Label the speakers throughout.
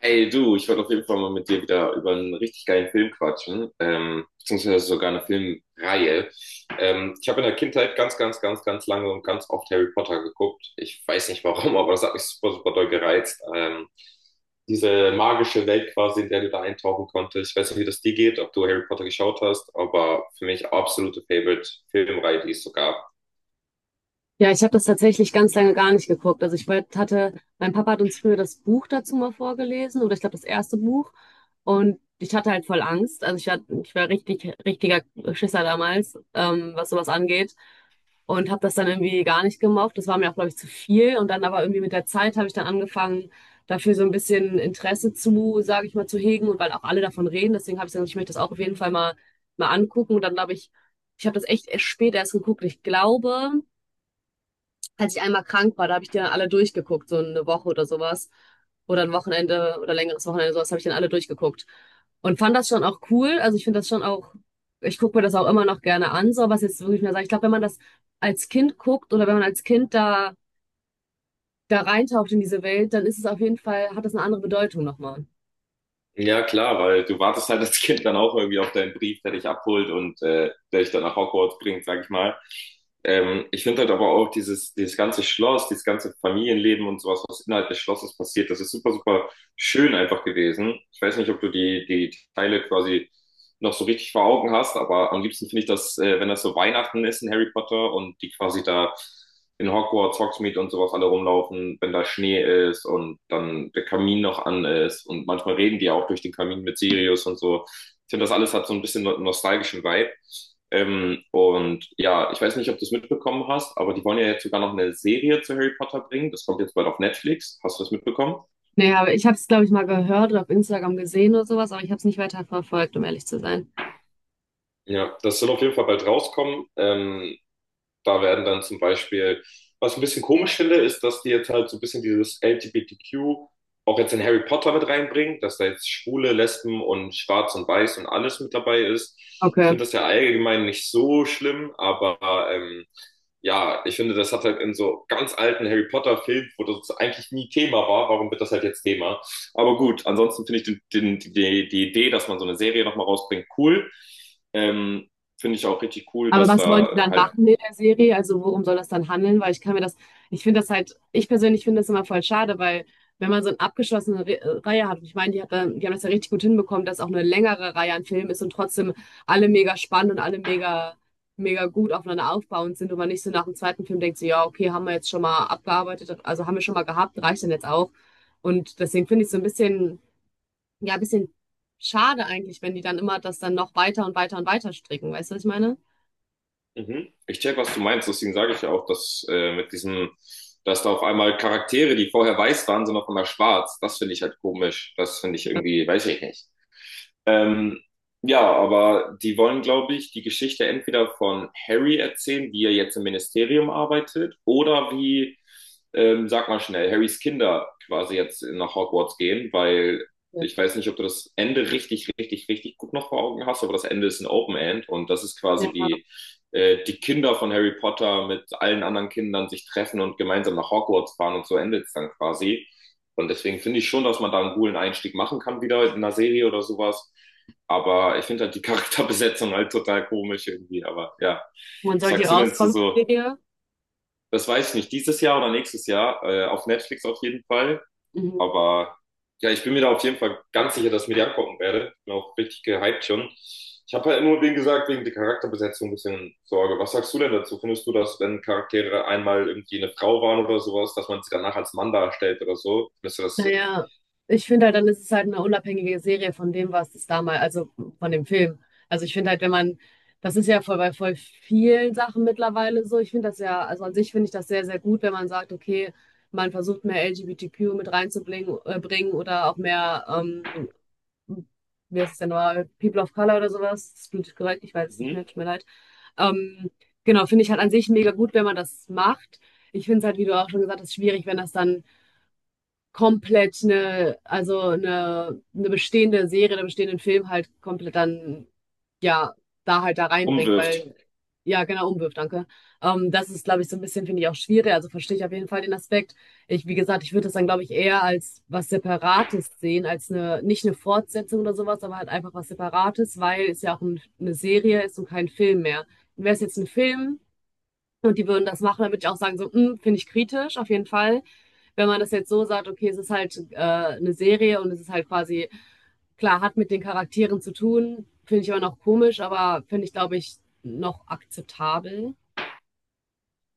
Speaker 1: Hey du, ich wollte auf jeden Fall mal mit dir wieder über einen richtig geilen Film quatschen, beziehungsweise sogar eine Filmreihe. Ich habe in der Kindheit ganz lange und ganz oft Harry Potter geguckt. Ich weiß nicht warum, aber das hat mich super, super doll gereizt. Diese magische Welt quasi, in der du da eintauchen konntest. Ich weiß nicht, wie das dir geht, ob du Harry Potter geschaut hast, aber für mich absolute Favorite-Filmreihe, die es so gab.
Speaker 2: Ja, ich habe das tatsächlich ganz lange gar nicht geguckt. Also hatte, mein Papa hat uns früher das Buch dazu mal vorgelesen oder ich glaube das erste Buch und ich hatte halt voll Angst. Also ich war richtig, richtiger Schisser damals, was sowas angeht und habe das dann irgendwie gar nicht gemocht. Das war mir auch, glaube ich, zu viel und dann aber irgendwie mit der Zeit habe ich dann angefangen, dafür so ein bisschen Interesse zu, sage ich mal, zu hegen und weil auch alle davon reden. Deswegen habe ich gesagt, ich möchte das auch auf jeden Fall mal angucken und dann glaube ich, ich habe das echt erst spät erst geguckt. Ich glaube, als ich einmal krank war, da habe ich die dann alle durchgeguckt, so eine Woche oder sowas. Oder ein Wochenende oder längeres Wochenende, sowas habe ich dann alle durchgeguckt. Und fand das schon auch cool. Also ich finde das schon auch, ich gucke mir das auch immer noch gerne an, so was jetzt wirklich mehr sagen. Ich glaube, wenn man das als Kind guckt oder wenn man als Kind da reintaucht in diese Welt, dann ist es auf jeden Fall, hat das eine andere Bedeutung nochmal.
Speaker 1: Ja, klar, weil du wartest halt als Kind dann auch irgendwie auf deinen Brief, der dich abholt und der dich dann nach Hogwarts bringt, sag ich mal. Ich finde halt aber auch dieses ganze Schloss, dieses ganze Familienleben und sowas, was innerhalb des Schlosses passiert, das ist super, super schön einfach gewesen. Ich weiß nicht, ob du die Teile quasi noch so richtig vor Augen hast, aber am liebsten finde ich das, wenn das so Weihnachten ist in Harry Potter und die quasi da in Hogwarts, Hogsmeade und sowas alle rumlaufen, wenn da Schnee ist und dann der Kamin noch an ist und manchmal reden die auch durch den Kamin mit Sirius und so. Ich finde, das alles hat so ein bisschen nostalgischen Vibe. Und ja, ich weiß nicht, ob du es mitbekommen hast, aber die wollen ja jetzt sogar noch eine Serie zu Harry Potter bringen. Das kommt jetzt bald auf Netflix. Hast du das mitbekommen?
Speaker 2: Nee, aber ich habe es, glaube ich, mal gehört oder auf Instagram gesehen oder sowas, aber ich habe es nicht weiter verfolgt, um ehrlich zu sein.
Speaker 1: Ja, das soll auf jeden Fall bald rauskommen. Da werden dann zum Beispiel, was ich ein bisschen komisch finde, ist, dass die jetzt halt so ein bisschen dieses LGBTQ auch jetzt in Harry Potter mit reinbringen, dass da jetzt Schwule, Lesben und Schwarz und Weiß und alles mit dabei ist. Ich
Speaker 2: Okay.
Speaker 1: finde das ja allgemein nicht so schlimm, aber ja, ich finde, das hat halt in so ganz alten Harry Potter-Filmen, wo das eigentlich nie Thema war, warum wird das halt jetzt Thema? Aber gut, ansonsten finde ich die Idee, dass man so eine Serie nochmal rausbringt, cool. Ähm, finde ich auch richtig cool,
Speaker 2: Aber
Speaker 1: dass
Speaker 2: was wollen
Speaker 1: da
Speaker 2: die dann
Speaker 1: halt.
Speaker 2: machen in der Serie? Also worum soll das dann handeln? Weil ich kann mir das, ich finde das halt, ich persönlich finde das immer voll schade, weil wenn man so eine abgeschlossene Re Reihe hat, und ich meine, die hat dann, die haben das ja richtig gut hinbekommen, dass auch eine längere Reihe an Filmen ist und trotzdem alle mega spannend und alle mega gut aufeinander aufbauend sind und man nicht so nach dem zweiten Film denkt, so, ja, okay, haben wir jetzt schon mal abgearbeitet, also haben wir schon mal gehabt, reicht dann jetzt auch. Und deswegen finde ich es so ein ja, ein bisschen schade eigentlich, wenn die dann immer das dann noch weiter und weiter und weiter stricken. Weißt du, was ich meine?
Speaker 1: Mhm. Ich check, was du meinst, deswegen sage ich ja auch, dass mit dass da auf einmal Charaktere, die vorher weiß waren, sind auf einmal schwarz. Das finde ich halt komisch. Das finde ich irgendwie, weiß ich nicht. Ähm, ja, aber die wollen, glaube ich, die Geschichte entweder von Harry erzählen, wie er jetzt im Ministerium arbeitet, oder wie, sag mal schnell, Harrys Kinder quasi jetzt nach Hogwarts gehen, weil
Speaker 2: Ja.
Speaker 1: ich weiß nicht, ob du das Ende richtig gut noch vor Augen hast, aber das Ende ist ein Open End und das ist
Speaker 2: Ja.
Speaker 1: quasi wie die Kinder von Harry Potter mit allen anderen Kindern sich treffen und gemeinsam nach Hogwarts fahren und so endet es dann quasi. Und deswegen finde ich schon, dass man da einen coolen Einstieg machen kann, wieder in einer Serie oder sowas. Aber ich finde halt die Charakterbesetzung halt total komisch irgendwie. Aber ja,
Speaker 2: Wann
Speaker 1: was
Speaker 2: soll die
Speaker 1: sagst du denn zu
Speaker 2: rauskommen, die
Speaker 1: so,
Speaker 2: Serie?
Speaker 1: das weiß ich nicht, dieses Jahr oder nächstes Jahr, auf Netflix auf jeden Fall.
Speaker 2: Mhm.
Speaker 1: Aber ja, ich bin mir da auf jeden Fall ganz sicher, dass ich mir die angucken werde. Bin auch richtig gehypt schon. Ich habe halt nur, wie gesagt, wegen der Charakterbesetzung ein bisschen Sorge. Was sagst du denn dazu? Findest du, dass wenn Charaktere einmal irgendwie eine Frau waren oder sowas, dass man sie danach als Mann darstellt oder so? Findest du das?
Speaker 2: Naja, ich finde halt, dann ist es halt eine unabhängige Serie von dem, was es damals, also von dem Film. Also ich finde halt, wenn man, das ist ja voll bei voll vielen Sachen mittlerweile so. Ich finde das ja, also an sich finde ich das sehr, sehr gut, wenn man sagt, okay, man versucht mehr LGBTQ mit reinzubringen bringen oder auch mehr, wie heißt es denn nochmal, People of Color oder sowas. Das ist politisch korrekt, ich weiß es nicht mehr,
Speaker 1: Mhm.
Speaker 2: tut mir leid. Ähm, genau, finde ich halt an sich mega gut, wenn man das macht. Ich finde es halt, wie du auch schon gesagt hast, schwierig, wenn das dann komplett also eine bestehende Serie, einen bestehenden Film halt komplett ja, da halt da reinbringt,
Speaker 1: Umwirft.
Speaker 2: ja, genau, umwirft, danke. Das ist, glaube ich, so ein bisschen, finde ich, auch schwierig. Also verstehe ich auf jeden Fall den Aspekt. Ich, wie gesagt, ich würde das dann, glaube ich, eher als was Separates sehen, als eine, nicht eine Fortsetzung oder sowas, aber halt einfach was Separates, weil es ja auch ein, eine Serie ist und kein Film mehr. Wäre es jetzt ein Film, und die würden das machen, damit ich auch sagen, so, "Mm, finde ich kritisch, auf jeden Fall. Wenn man das jetzt so sagt, okay, es ist halt eine Serie und es ist halt quasi, klar, hat mit den Charakteren zu tun, finde ich aber noch komisch, aber finde ich, glaube ich, noch akzeptabel.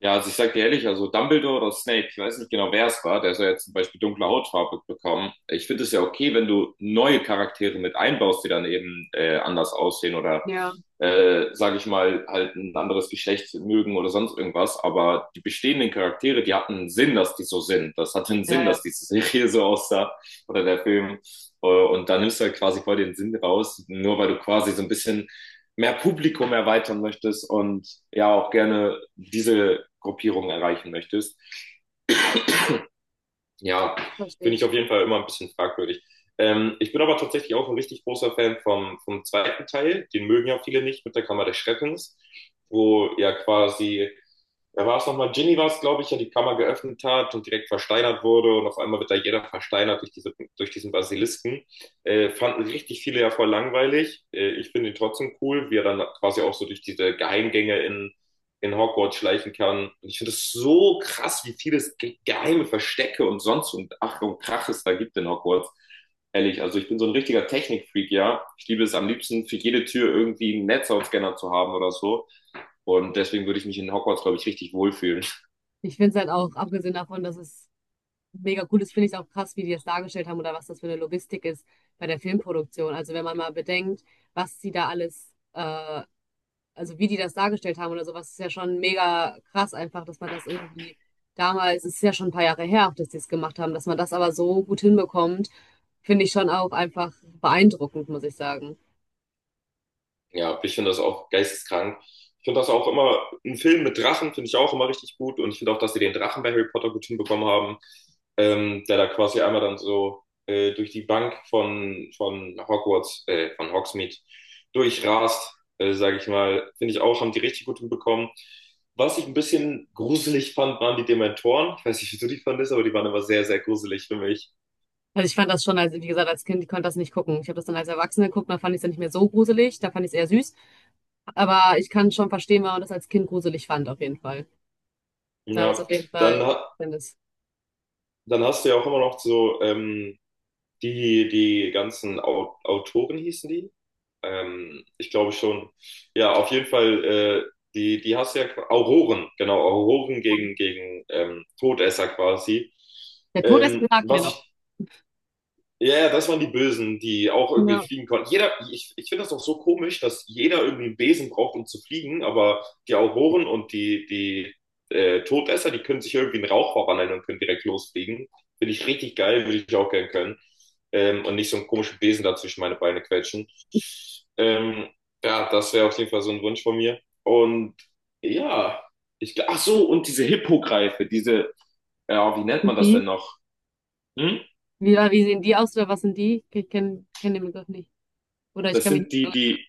Speaker 1: Ja, also ich sag dir ehrlich, also Dumbledore oder Snape, ich weiß nicht genau, wer es war, der soll jetzt zum Beispiel dunkle Hautfarbe bekommen. Ich finde es ja okay, wenn du neue Charaktere mit einbaust, die dann eben anders aussehen oder,
Speaker 2: Ja,
Speaker 1: sage ich mal, halt ein anderes Geschlecht mögen oder sonst irgendwas. Aber die bestehenden Charaktere, die hatten einen Sinn, dass die so sind. Das hatte einen Sinn,
Speaker 2: ja,
Speaker 1: dass diese Serie so aussah oder der Film. Und da nimmst du halt quasi voll den Sinn raus, nur weil du quasi so ein bisschen mehr Publikum erweitern möchtest und ja auch gerne diese Gruppierung erreichen möchtest. Ja,
Speaker 2: verstehe
Speaker 1: finde
Speaker 2: ich
Speaker 1: ich auf
Speaker 2: schon.
Speaker 1: jeden Fall immer ein bisschen fragwürdig. Ich bin aber tatsächlich auch ein richtig großer Fan vom zweiten Teil. Den mögen ja viele nicht mit der Kammer des Schreckens, wo ja quasi, da war es nochmal, Ginny war es, glaube ich, ja die Kammer geöffnet hat und direkt versteinert wurde und auf einmal wird da jeder versteinert durch, diese, durch diesen Basilisken. Fanden richtig viele ja voll langweilig. Ich finde ihn trotzdem cool, wie er dann quasi auch so durch diese Geheimgänge in Hogwarts schleichen kann. Und ich finde es so krass, wie viele geheime Verstecke und sonst und Ach und Krach es da gibt in Hogwarts. Ehrlich, also ich bin so ein richtiger Technikfreak, ja. Ich liebe es am liebsten, für jede Tür irgendwie einen Netzhautscanner zu haben oder so. Und deswegen würde ich mich in Hogwarts, glaube ich, richtig wohlfühlen.
Speaker 2: Ich finde es halt auch, abgesehen davon, dass es mega cool ist, finde ich es auch krass, wie die das dargestellt haben oder was das für eine Logistik ist bei der Filmproduktion. Also wenn man mal bedenkt, was sie da alles also wie die das dargestellt haben oder sowas, ist ja schon mega krass einfach, dass man das irgendwie damals, es ist ja schon ein paar Jahre her, auch dass die es gemacht haben, dass man das aber so gut hinbekommt, finde ich schon auch einfach beeindruckend, muss ich sagen.
Speaker 1: Ja, ich finde das auch geisteskrank. Ich finde das auch immer, ein Film mit Drachen finde ich auch immer richtig gut und ich finde auch, dass sie den Drachen bei Harry Potter gut hinbekommen haben, der da quasi einmal dann so durch die Bank von Hogwarts, von Hogsmeade durchrast, sage ich mal. Finde ich auch, haben die richtig gut hinbekommen. Was ich ein bisschen gruselig fand, waren die Dementoren. Ich weiß nicht, wie du die fandest, aber die waren immer sehr, sehr gruselig für mich.
Speaker 2: Also ich fand das schon, als, wie gesagt, als Kind, ich konnte das nicht gucken. Ich habe das dann als Erwachsene geguckt, da fand ich es dann nicht mehr so gruselig, da fand ich es eher süß. Aber ich kann schon verstehen, warum man das als Kind gruselig fand, auf jeden Fall. Da ist
Speaker 1: Ja,
Speaker 2: auf jeden
Speaker 1: dann,
Speaker 2: Fall
Speaker 1: ha-
Speaker 2: Verständnis.
Speaker 1: dann hast du ja auch immer noch so, die, die ganzen Autoren hießen die? Ich glaube schon. Ja, auf jeden Fall, die, die hast du ja Auroren, genau, Auroren gegen Todesser quasi.
Speaker 2: Der Todesser sagt mir
Speaker 1: Was
Speaker 2: noch.
Speaker 1: ich ja, ja, das waren die Bösen, die auch irgendwie
Speaker 2: Ja.
Speaker 1: fliegen konnten. Jeder, ich finde das auch so komisch, dass jeder irgendwie einen Besen braucht, um zu fliegen, aber die Auroren und die Todesser, die können sich irgendwie einen Rauch verwandeln und können direkt losfliegen. Finde ich richtig geil, würde ich auch gern können. Und nicht so einen komischen Besen da zwischen meine Beine quetschen. Ähm, ja, das wäre auf jeden Fall so ein Wunsch von mir. Und ja, ach so, und diese Hippogreife, diese, ja, wie nennt man
Speaker 2: Sind
Speaker 1: das denn
Speaker 2: die?
Speaker 1: noch? Hm?
Speaker 2: Wie sehen die aus oder was sind die? Ich kenne kenn kenn den Begriff nicht. Oder ich
Speaker 1: Das
Speaker 2: kann mich
Speaker 1: sind
Speaker 2: nicht
Speaker 1: die,
Speaker 2: erinnern.
Speaker 1: die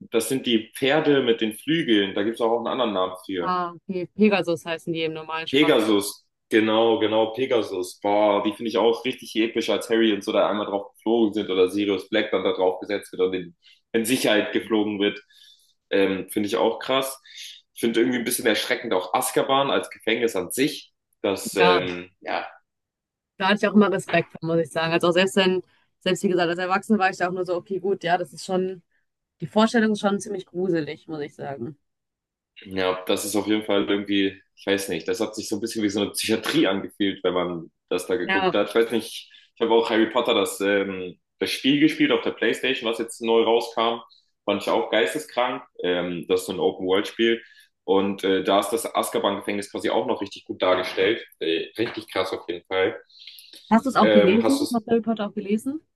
Speaker 1: Das sind die Pferde mit den Flügeln. Da gibt's auch einen anderen Namen für.
Speaker 2: Ah, okay. Pegasus heißen die im normalen Sprach.
Speaker 1: Pegasus. Genau, genau, Pegasus. Boah, die finde ich auch richtig episch, als Harry und so da einmal drauf geflogen sind oder Sirius Black dann da drauf gesetzt wird und in Sicherheit geflogen wird. Finde ich auch krass. Ich finde irgendwie ein bisschen erschreckend auch Azkaban als Gefängnis an sich.
Speaker 2: Ja,
Speaker 1: Ja,
Speaker 2: da hatte ich auch immer Respekt vor, muss ich sagen. Also auch selbst wenn, selbst wie gesagt, als Erwachsene war ich da auch nur so, okay, gut, ja, das ist schon, die Vorstellung ist schon ziemlich gruselig, muss ich sagen.
Speaker 1: ja, das ist auf jeden Fall irgendwie, ich weiß nicht, das hat sich so ein bisschen wie so eine Psychiatrie angefühlt, wenn man das da geguckt
Speaker 2: Ja.
Speaker 1: hat. Ich weiß nicht, ich habe auch Harry Potter das Spiel gespielt auf der PlayStation, was jetzt neu rauskam. Fand ich auch geisteskrank. Das ist so ein Open-World-Spiel. Und da ist das Azkaban-Gefängnis quasi auch noch richtig gut dargestellt. Richtig krass auf jeden Fall.
Speaker 2: Hast du es auch
Speaker 1: Hast
Speaker 2: gelesen?
Speaker 1: du
Speaker 2: Hast du Harry Potter auch gelesen?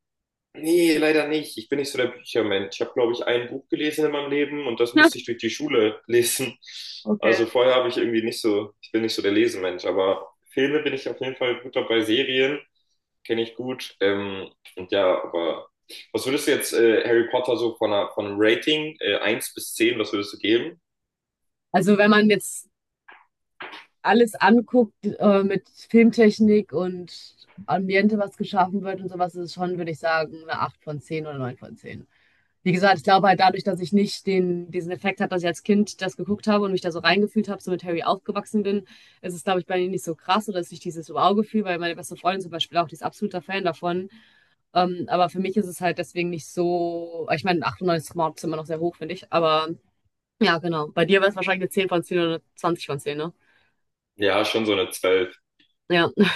Speaker 1: Nee, leider nicht. Ich bin nicht so der Büchermensch. Ich habe, glaube ich, ein Buch gelesen in meinem Leben und das
Speaker 2: Ja.
Speaker 1: musste ich durch die Schule lesen.
Speaker 2: Okay.
Speaker 1: Also vorher habe ich irgendwie nicht so, ich bin nicht so der Lesemensch, aber Filme bin ich auf jeden Fall gut dabei. Serien kenne ich gut. Und ja, aber was würdest du jetzt Harry Potter so von von einem Rating 1 bis 10 was würdest du geben?
Speaker 2: Also wenn man jetzt alles anguckt mit Filmtechnik und Ambiente, was geschaffen wird und sowas, ist es schon, würde ich sagen, eine 8 von 10 oder 9 von 10. Wie gesagt, ich glaube halt dadurch, dass ich nicht den, diesen Effekt hatte, dass ich als Kind das geguckt habe und mich da so reingefühlt habe, so mit Harry aufgewachsen bin, ist es, glaube ich, bei mir nicht so krass oder ist nicht dieses Wow-Gefühl, weil meine beste Freundin zum Beispiel auch, die ist absoluter Fan davon. Aber für mich ist es halt deswegen nicht so, ich meine, 98 Mord ist immer noch sehr hoch, finde ich, aber ja, genau. Bei dir wäre es wahrscheinlich eine 10 von 10 oder eine 20 von 10. Ne?
Speaker 1: Ja, schon so eine 12
Speaker 2: Ja.